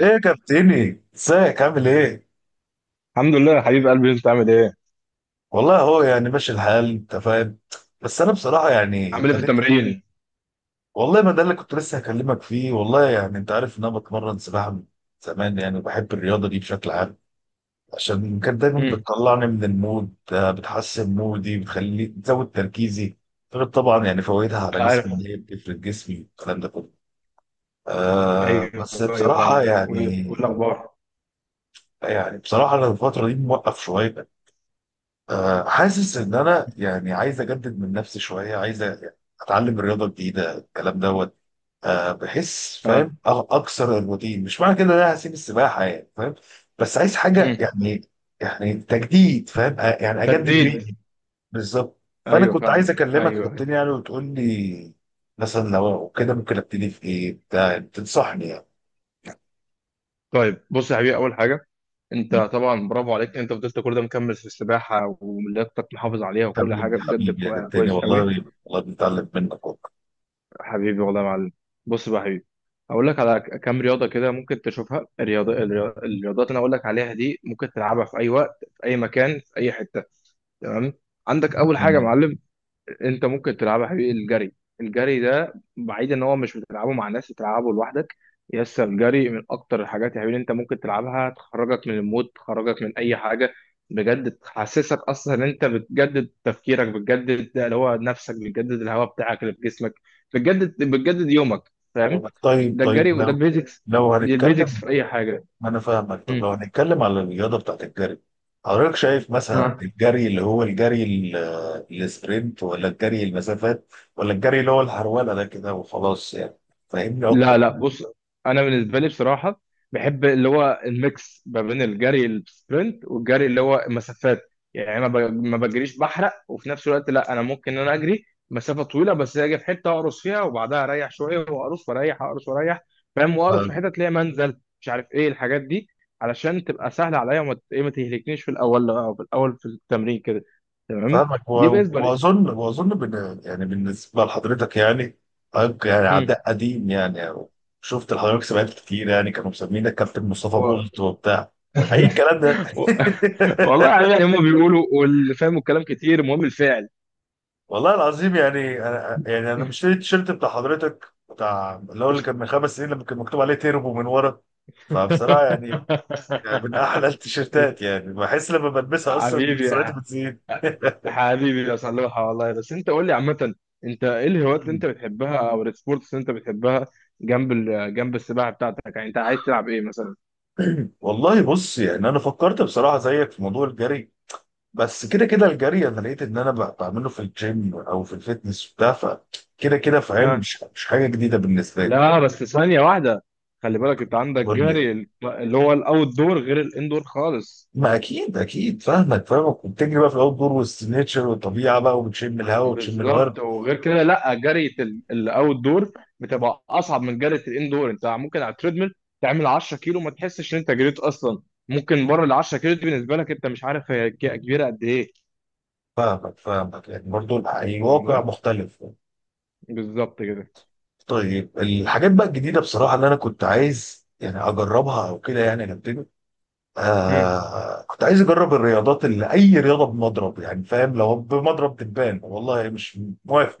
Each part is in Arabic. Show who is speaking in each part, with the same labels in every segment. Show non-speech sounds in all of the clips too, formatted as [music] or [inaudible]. Speaker 1: ايه يا كابتني، ازيك؟ عامل ايه؟
Speaker 2: الحمد لله يا حبيب قلبي، انت عامل ايه؟
Speaker 1: والله هو يعني ماشي الحال، انت فاهم. بس انا بصراحه يعني
Speaker 2: عامل ايه في
Speaker 1: ابتديت.
Speaker 2: التمرين؟
Speaker 1: والله ما ده اللي كنت لسه هكلمك فيه. والله يعني انت عارف ان انا بتمرن سباحه من زمان يعني، وبحب الرياضه دي بشكل عام. عشان كانت دايما
Speaker 2: مم.
Speaker 1: بتطلعني من المود، بتحسن مودي، بتخليني بتزود تركيزي. غير طبعا يعني فوائدها على
Speaker 2: انا
Speaker 1: جسمي،
Speaker 2: عارف.
Speaker 1: ان هي بتفرد جسمي والكلام ده كله. بس
Speaker 2: ايوه ايوه
Speaker 1: بصراحه
Speaker 2: فاهمك.
Speaker 1: يعني.
Speaker 2: والاخبار؟
Speaker 1: يعني بصراحه انا الفتره دي موقف شويه. حاسس ان انا يعني عايز اجدد من نفسي شويه، عايز اتعلم رياضه جديده، الكلام دوت. بحس فاهم
Speaker 2: ها.
Speaker 1: اكسر الروتين. مش معنى كده ان انا هسيب السباحه، يعني فاهم. بس عايز حاجه
Speaker 2: مم.
Speaker 1: يعني، يعني تجديد فاهم يعني اجدد
Speaker 2: تجديد.
Speaker 1: ريقي. بالظبط. فانا
Speaker 2: ايوه
Speaker 1: كنت عايز
Speaker 2: فاهمك.
Speaker 1: اكلمك
Speaker 2: ايوه ايوه.
Speaker 1: كابتن، يعني وتقول لي مثلا لو كده ممكن ابتدي في ايه، بتاع تنصحني يعني.
Speaker 2: طيب بص يا حبيبي، اول حاجه، انت طبعا برافو عليك، انت فضلت كل ده مكمل في السباحه ولياقتك محافظ عليها
Speaker 1: تمام
Speaker 2: وكل حاجه
Speaker 1: يا
Speaker 2: بجد
Speaker 1: حبيبي يا كابتن،
Speaker 2: كويس قوي.
Speaker 1: والله والله بنتعلم منك والله.
Speaker 2: حبيبي والله يا معلم. بص بقى يا حبيبي، هقول لك على كام رياضه كده ممكن تشوفها. الرياضه الرياضات اللي انا هقول لك عليها دي ممكن تلعبها في اي وقت، في اي مكان، في اي حته. تمام. عندك اول حاجه يا
Speaker 1: جميل.
Speaker 2: معلم، انت ممكن تلعبها يا حبيبي: الجري. الجري ده بعيد ان هو مش بتلعبه مع ناس، بتلعبه لوحدك. يس، الجري من اكتر الحاجات يا حبيبي اللي انت ممكن تلعبها، تخرجك من المود، تخرجك من اي حاجه، بجد تحسسك اصلا ان انت بتجدد تفكيرك، بتجدد اللي هو نفسك، بتجدد الهواء بتاعك اللي في جسمك، بتجدد بتجدد يومك. فاهم؟
Speaker 1: طيب،
Speaker 2: ده
Speaker 1: طيب.
Speaker 2: الجري، وده البيزكس.
Speaker 1: لو
Speaker 2: دي البيزكس
Speaker 1: هنتكلم.
Speaker 2: في اي حاجه.
Speaker 1: انا فاهمك. طب لو هنتكلم على الرياضه بتاعت الجري، حضرتك شايف مثلا
Speaker 2: مم.
Speaker 1: الجري اللي هو الجري السبرنت، ولا الجري المسافات، ولا الجري اللي هو الهرولة ده كده وخلاص يعني؟ فاهمني
Speaker 2: لا
Speaker 1: اكتر.
Speaker 2: لا بص، انا بالنسبه لي بصراحه بحب اللي هو الميكس ما بين الجري السبرنت والجري اللي هو مسافات. يعني ما بجريش بحرق، وفي نفس الوقت لا، انا ممكن ان انا اجري مسافه طويله، بس اجي في حته اقرص فيها وبعدها اريح شويه، واقرص واريح، اقرص واريح. فاهم؟ واقرص في
Speaker 1: فاهم-
Speaker 2: حته تلاقي منزل مش عارف ايه الحاجات دي، علشان تبقى سهله عليا، وما ت- ايه ما تهلكنيش في الاول، أو في الاول في التمرين كده. تمام.
Speaker 1: فاهمك
Speaker 2: دي بالنسبه لي.
Speaker 1: واظن بن يعني بالنسبه لحضرتك يعني. حضرتك يعني
Speaker 2: مم.
Speaker 1: عداء قديم يعني، أو شفت لحضرتك سباقات كتير يعني، كانوا مسمينك كابتن مصطفى
Speaker 2: و...
Speaker 1: بولت وبتاع، اي الكلام ده
Speaker 2: و... [laughs]
Speaker 1: [laughs]
Speaker 2: والله يعني هما بيقولوا، واللي فاهموا الكلام كتير، المهم الفعل.
Speaker 1: والله العظيم يعني. انا مشتري التيشيرت بتاع حضرتك، بتاع اللي هو اللي كان
Speaker 2: [laughs]
Speaker 1: من خمس سنين، لما كان مكتوب عليه تيربو من ورا. فبصراحه يعني، يعني من احلى [laughs] التيشيرتات، يعني بحس لما بلبسها اصلا
Speaker 2: حبيبي يا
Speaker 1: سرعتي
Speaker 2: ح-
Speaker 1: بتزيد.
Speaker 2: حبيبي يا صلاح، والله. بس انت قول لي عامة، انت ايه الهوايات اللي انت
Speaker 1: مم.
Speaker 2: بتحبها او السبورتس اللي انت بتحبها جنب جنب السباحة بتاعتك؟ يعني انت عايز تلعب ايه مثلا؟
Speaker 1: والله بص يعني انا فكرت بصراحه زيك في موضوع الجري. بس كده كده الجري انا لقيت ان انا بعمله في الجيم او في الفيتنس بتاع، فكده كده فاهم
Speaker 2: ها.
Speaker 1: مش حاجه جديده بالنسبه لي.
Speaker 2: لا بس ثانية واحدة. خلي بالك انت عندك
Speaker 1: قول لي.
Speaker 2: جري اللي هو الاوت دور، غير الان دور خالص.
Speaker 1: ما اكيد فاهمك، فاهمك. وبتجري بقى في الاوت دور وسط النيتشر والطبيعه بقى، وبتشم الهواء وبتشم الورد.
Speaker 2: بالظبط، وغير كده لا، جري الاوت دور بتبقى اصعب من جري الاندور. انت ممكن على التريدميل تعمل 10 كيلو ما تحسش ان انت جريت اصلا. ممكن بره ال 10 كيلو دي بالنسبه لك انت مش عارف هي كبيره قد ايه.
Speaker 1: فاهمك فاهمك، يعني برضو الواقع
Speaker 2: فاهمني؟
Speaker 1: مختلف.
Speaker 2: بالظبط كده.
Speaker 1: طيب الحاجات بقى الجديده بصراحه اللي انا كنت عايز يعني اجربها او كده يعني نبتدي.
Speaker 2: مم.
Speaker 1: آه كنت عايز اجرب الرياضات اللي اي رياضه بمضرب يعني فاهم. لو بمضرب دبان والله مش موافق.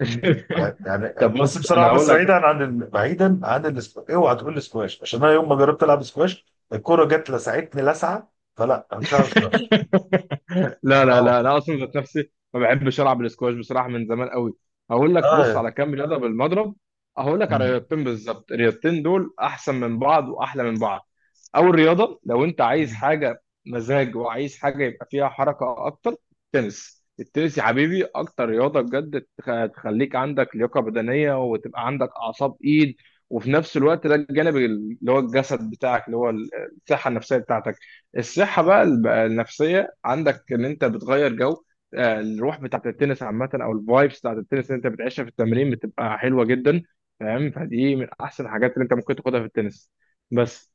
Speaker 1: طيب، يعني
Speaker 2: طب
Speaker 1: بص
Speaker 2: بص انا
Speaker 1: بصراحه
Speaker 2: هقول
Speaker 1: بس بعيدا
Speaker 2: لك.
Speaker 1: عن بعيدا عن الاسكواش. اوعى تقول لي سكواش، عشان انا يوم ما جربت العب سكواش الكوره جت لسعتني لسعه، فلا، انا مش هعرف سكواش.
Speaker 2: [laughs] لا لا
Speaker 1: اه،
Speaker 2: لا، انا اصلا ذات نفسي ما بحبش العب الاسكواش بصراحه من زمان قوي. هقول لك، بص
Speaker 1: اه.
Speaker 2: على كام رياضه بالمضرب. هقول لك على
Speaker 1: مم.
Speaker 2: رياضتين بالظبط، الرياضتين دول احسن من بعض واحلى من بعض. اول رياضه، لو انت عايز
Speaker 1: مم.
Speaker 2: حاجه مزاج وعايز حاجه يبقى فيها حركه اكتر: تنس. التنس يا حبيبي اكتر رياضه بجد تخليك عندك لياقه بدنيه، وتبقى عندك اعصاب ايد، وفي نفس الوقت ده الجانب اللي هو الجسد بتاعك، اللي هو الصحه النفسيه بتاعتك. الصحة بقى النفسية عندك، ان انت بتغير جو. الروح بتاعت التنس عامة، او الفايبس بتاعت التنس اللي انت بتعيشها في التمرين بتبقى حلوة جدا. فاهم؟ فدي من احسن الحاجات اللي انت ممكن تاخدها في التنس. بس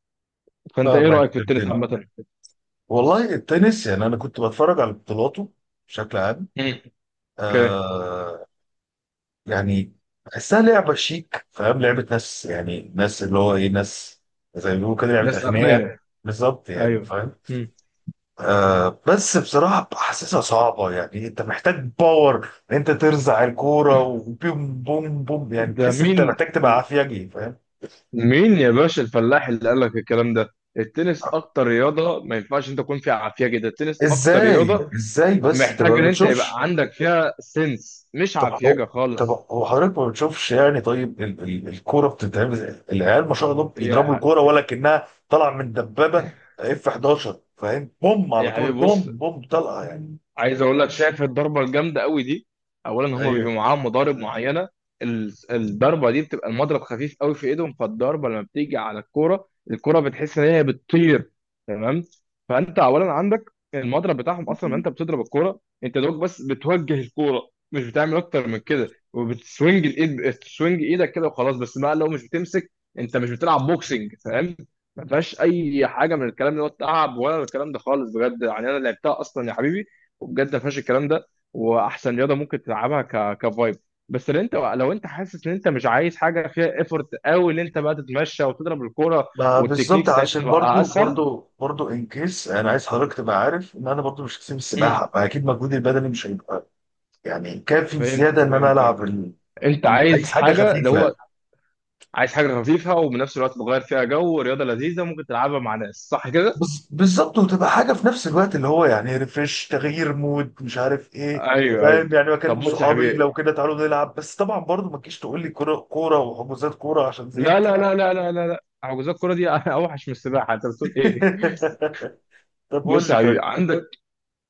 Speaker 2: فانت ايه
Speaker 1: فاهمك
Speaker 2: رأيك في التنس
Speaker 1: التاني.
Speaker 2: عامة؟
Speaker 1: والله التنس يعني انا كنت بتفرج على بطولاته بشكل عام.
Speaker 2: مم. اوكي.
Speaker 1: آه. يعني بحسها لعبه شيك، فاهم لعبه ناس، يعني ناس اللي هو ايه، ناس زي ما بيقولوا كده لعبه
Speaker 2: ناس
Speaker 1: اغنياء.
Speaker 2: اغنياء.
Speaker 1: بالظبط يعني
Speaker 2: ايوه.
Speaker 1: فاهم.
Speaker 2: مم.
Speaker 1: بس بصراحة حاسسها صعبة، يعني انت محتاج باور ان انت ترزع الكورة، وبوم بوم بوم، يعني
Speaker 2: ده
Speaker 1: تحس انت
Speaker 2: مين؟
Speaker 1: محتاج تبقى عافيجي، فاهم.
Speaker 2: مين يا باشا الفلاح اللي قال لك الكلام ده؟ التنس اكتر رياضة ما ينفعش انت تكون فيها عافية جدا، التنس اكتر
Speaker 1: ازاي،
Speaker 2: رياضة
Speaker 1: ازاي؟ بس انت
Speaker 2: محتاج
Speaker 1: ما
Speaker 2: ان انت يبقى
Speaker 1: بتشوفش.
Speaker 2: عندك فيها سنس، مش
Speaker 1: طب هو
Speaker 2: عفيجة
Speaker 1: طب
Speaker 2: خالص.
Speaker 1: هو حضرتك ما بتشوفش يعني؟ طيب ال الكورة بتتعمل ازاي؟ العيال ما شاء الله
Speaker 2: يا
Speaker 1: بيضربوا الكورة
Speaker 2: ح-
Speaker 1: ولا كأنها طالعة من دبابة، اف 11 فاهم، بوم على
Speaker 2: يا حبيبي
Speaker 1: طول، بوم
Speaker 2: بص،
Speaker 1: بوم، طلقة يعني.
Speaker 2: عايز اقول لك، شايف الضربه الجامده قوي دي؟ اولا هم
Speaker 1: ايوه.
Speaker 2: بيبقوا معاهم مضارب معينه. الضربه دي بتبقى المضرب خفيف قوي في ايدهم، فالضربه لما بتيجي على الكوره، الكوره بتحس ان هي بتطير. تمام. فانت اولا عندك المضرب بتاعهم، اصلا لما انت بتضرب الكوره انت دوك، بس بتوجه الكوره، مش بتعمل اكتر من كده، وبتسوينج الايد، بتسوينج ايدك كده وخلاص. بس بقى لو مش بتمسك، انت مش بتلعب بوكسنج. فاهم؟ ما فيهاش اي حاجه من الكلام ده، ولا تعب ولا الكلام ده خالص، بجد يعني انا لعبتها اصلا يا حبيبي، وبجد ما فيهاش الكلام ده. واحسن رياضه ممكن تلعبها ك كفايب. بس لو انت، لو انت حاسس ان انت مش عايز حاجه فيها ايفورت قوي، ان انت بقى تتمشى وتضرب الكوره،
Speaker 1: ما
Speaker 2: والتكنيك
Speaker 1: بالظبط،
Speaker 2: ساعتها
Speaker 1: علشان
Speaker 2: تبقى
Speaker 1: برضو
Speaker 2: اسهل.
Speaker 1: برضو برضو ان كيس انا عايز حضرتك تبقى عارف ان انا برضو مش هسيب
Speaker 2: مم.
Speaker 1: السباحه، فاكيد مجهودي البدني مش هيبقى يعني كافي زياده
Speaker 2: فهمتك
Speaker 1: ان انا
Speaker 2: فهمتك،
Speaker 1: العب
Speaker 2: انت عايز
Speaker 1: عايز حاجه
Speaker 2: حاجه اللي
Speaker 1: خفيفه.
Speaker 2: هو، عايز حاجه خفيفه، وبنفس الوقت بغير فيها جو رياضه لذيذه ممكن تلعبها مع ناس، صح كده؟
Speaker 1: بالظبط، وتبقى حاجه في نفس الوقت اللي هو يعني ريفريش، تغيير مود، مش عارف ايه.
Speaker 2: ايوه ايوه.
Speaker 1: فاهم يعني
Speaker 2: طب
Speaker 1: بكلم
Speaker 2: بص يا
Speaker 1: صحابي لو
Speaker 2: حبيبي،
Speaker 1: كده تعالوا نلعب. بس طبعا برضو ما تجيش تقول لي كوره كوره وحجوزات كوره، عشان
Speaker 2: لا
Speaker 1: زهقت.
Speaker 2: لا لا لا لا لا لا، حجوزات الكوره دي [laughs] اوحش من السباحه، انت بتقول ايه؟
Speaker 1: [laughs] طب قول
Speaker 2: بص يا
Speaker 1: لي
Speaker 2: حبيبي،
Speaker 1: طيب.
Speaker 2: عندك،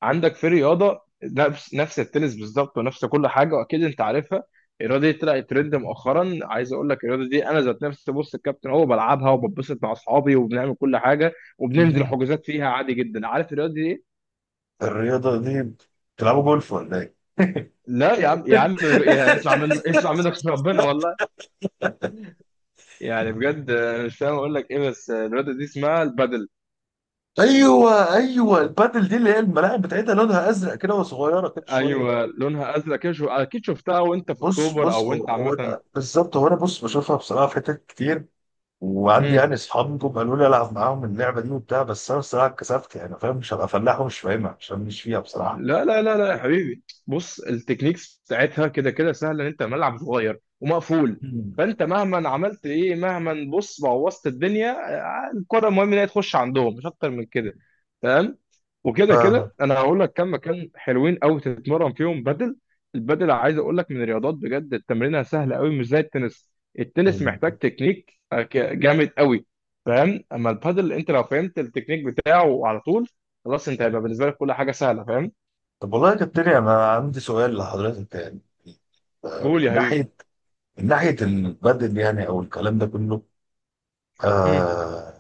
Speaker 2: عندك في رياضه نفس التنس بالظبط ونفس كل حاجه، واكيد انت عارفها. الرياضه دي طلعت ترند مؤخرا. عايز اقول لك الرياضه دي، انا ذات نفسي بص الكابتن هو بلعبها، وببسط مع اصحابي، وبنعمل كل حاجه، وبننزل
Speaker 1: مهم.
Speaker 2: حجوزات فيها عادي جدا. عارف الرياضه دي إيه؟
Speaker 1: الرياضه دي بتلعبوا جولف ولا ايه؟
Speaker 2: لا يا عم، يا عم يا، اسمع من، اسمع منك [laughs] ربنا والله، يعني بجد انا مش فاهم اقول لك ايه، بس الرياضه دي اسمها البادل.
Speaker 1: ايوه، ايوه، البادل دي اللي هي الملاعب بتاعتها لونها ازرق كده وصغيره كده شويه.
Speaker 2: ايوه، لونها ازرق كده اكيد شفتها وانت في
Speaker 1: بص،
Speaker 2: اكتوبر او
Speaker 1: بص،
Speaker 2: وانت عامه.
Speaker 1: بالظبط. هو انا بص بشوفها بصراحه في حتت كتير، وعندي يعني اصحاب جم قالوا لي العب معاهم اللعبه دي وبتاع، بس انا بصراحه اتكسفت يعني فاهم، مش هبقى فلاح ومش فاهمها عشان مش فيها بصراحه.
Speaker 2: لا لا لا لا يا حبيبي بص، التكنيكس بتاعتها كده كده سهله، ان انت ملعب صغير ومقفول.
Speaker 1: مم.
Speaker 2: فانت مهما عملت ايه، مهما بص بوظت الدنيا، الكره المهم ان هي تخش عندهم مش اكتر من كده. تمام. وكده
Speaker 1: ف...
Speaker 2: كده انا هقول لك كم مكان حلوين قوي تتمرن فيهم بدل. البدل عايز اقول لك من الرياضات بجد التمرينها سهله قوي، مش زي التنس. التنس محتاج تكنيك جامد قوي. فاهم؟ اما البادل، انت لو فهمت التكنيك بتاعه على طول، خلاص، انت هيبقى بالنسبه لك كل حاجه سهله. فاهم؟
Speaker 1: طب والله يا كابتن انا عندي سؤال لحضرتك يعني. من
Speaker 2: قول يا حبيبي.
Speaker 1: ناحيه، من ناحيه البادل يعني او الكلام ده كله.
Speaker 2: امم
Speaker 1: آه.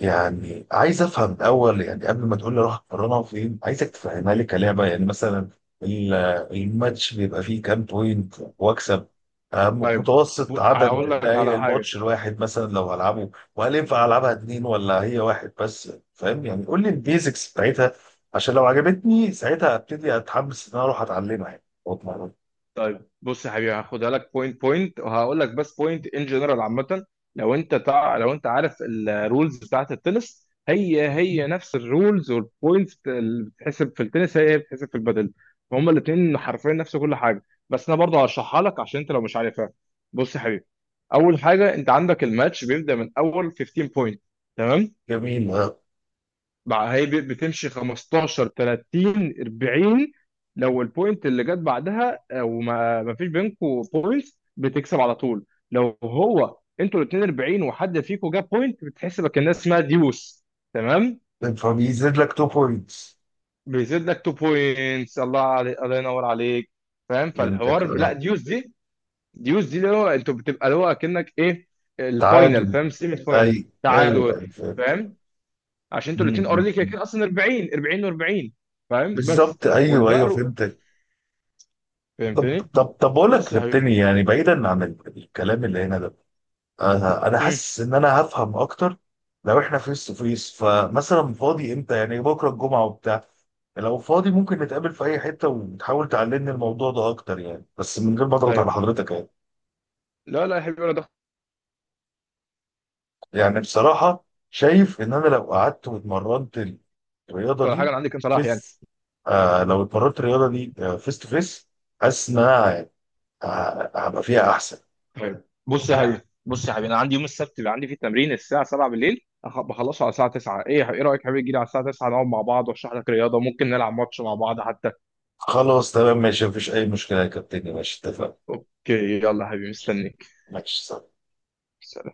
Speaker 1: يعني عايز افهم الاول، يعني قبل ما تقول لي روح اتمرنها فين، عايزك تفهمها لي كلعبه يعني. مثلا ال- الماتش بيبقى فيه كام بوينت واكسب؟
Speaker 2: طيب،
Speaker 1: متوسط
Speaker 2: هقول
Speaker 1: عدد
Speaker 2: لك
Speaker 1: دقايق
Speaker 2: على حاجه.
Speaker 1: الماتش الواحد مثلا لو هلعبه، وهل ينفع العبها اتنين ولا هي واحد بس، فاهم يعني؟ قول لي البيزكس بتاعتها، عشان لو عجبتني ساعتها ابتدي اتحمس ان انا اروح اتعلمها يعني واتمرن.
Speaker 2: طيب بص يا حبيبي، هاخدها لك بوينت بوينت، وهقول لك بس بوينت ان جنرال عامه. لو انت عارف الرولز بتاعت التنس، هي هي نفس الرولز، والبوينتس اللي بتحسب في التنس هي هي بتحسب في البادل. فهم الاثنين حرفيا نفس كل حاجه. بس انا برضه هشرحها لك عشان انت لو مش عارفها. بص يا حبيبي، اول حاجه، انت عندك الماتش بيبدا من اول 15 بوينت. تمام.
Speaker 1: جميل. آه،
Speaker 2: بقى هي بتمشي 15، 30، 40. لو البوينت اللي جت بعدها، او ما ما فيش بينكم بوينت، بتكسب على طول. لو هو انتوا الاثنين 40 وحد فيكم جاب بوينت بتحسبك الناس اسمها ديوس. تمام،
Speaker 1: فبيزيد لك 2 بوينتس.
Speaker 2: بيزيد لك 2 بوينتس. الله عليك، الله ينور عليك. فاهم؟
Speaker 1: فهمتك،
Speaker 2: لا،
Speaker 1: آه.
Speaker 2: ديوس دي، ديوس دي اللي هو انتوا بتبقى اللي هو اكنك ايه، الفاينل.
Speaker 1: تعادل.
Speaker 2: فاهم؟ سيمي فاينل،
Speaker 1: اي ايوه،
Speaker 2: تعادل.
Speaker 1: ايوه، فهمت.
Speaker 2: فاهم؟ عشان
Speaker 1: مم،
Speaker 2: انتوا الاثنين
Speaker 1: مم،
Speaker 2: اوريدي كده
Speaker 1: مم.
Speaker 2: كده اصلا 40 40 و40. فاهم؟ بس.
Speaker 1: بالظبط، ايوه، ايوه،
Speaker 2: والبقر.
Speaker 1: فهمتك. طب
Speaker 2: فهمتني؟
Speaker 1: طب طب اقول لك يا
Speaker 2: بس يا حبيبي.
Speaker 1: كابتن، يعني بعيدا عن الكلام اللي هنا ده، انا
Speaker 2: مم.
Speaker 1: حاسس ان انا هفهم اكتر لو احنا فيس تو فيس. فمثلا فاضي امتى؟ يعني بكره الجمعه وبتاع، لو فاضي ممكن نتقابل في اي حته وتحاول تعلمني الموضوع ده اكتر يعني، بس من غير ما اضغط على
Speaker 2: طيب،
Speaker 1: حضرتك يعني.
Speaker 2: لا لا يا حبيبي، ولا ضغط
Speaker 1: يعني بصراحة شايف إن أنا لو قعدت واتمرنت الرياضة
Speaker 2: ولا حاجه.
Speaker 1: دي
Speaker 2: انا عندي كام صلاح يعني.
Speaker 1: فيس، آه لو اتمرنت الرياضة دي فيس تو فيس، حاسس إن أنا هبقى فيها أحسن.
Speaker 2: طيب بص يا حبيبي، بص يا حبيبي، انا عندي يوم السبت بيبقى عندي فيه تمرين الساعه 7 بالليل، بخلصه على الساعه 9. ايه يا حبيبي، ايه رايك يا حبيبي تجي لي على الساعه 9 نقعد مع بعض واشرح لك رياضه، ممكن نلعب ماتش مع بعض حتى.
Speaker 1: خلاص، تمام، ماشي، مفيش أي مشكلة يا كابتن، ماشي، اتفقنا.
Speaker 2: اوكي يلا يا حبيبي مستنيك.
Speaker 1: ماشي.
Speaker 2: سلام.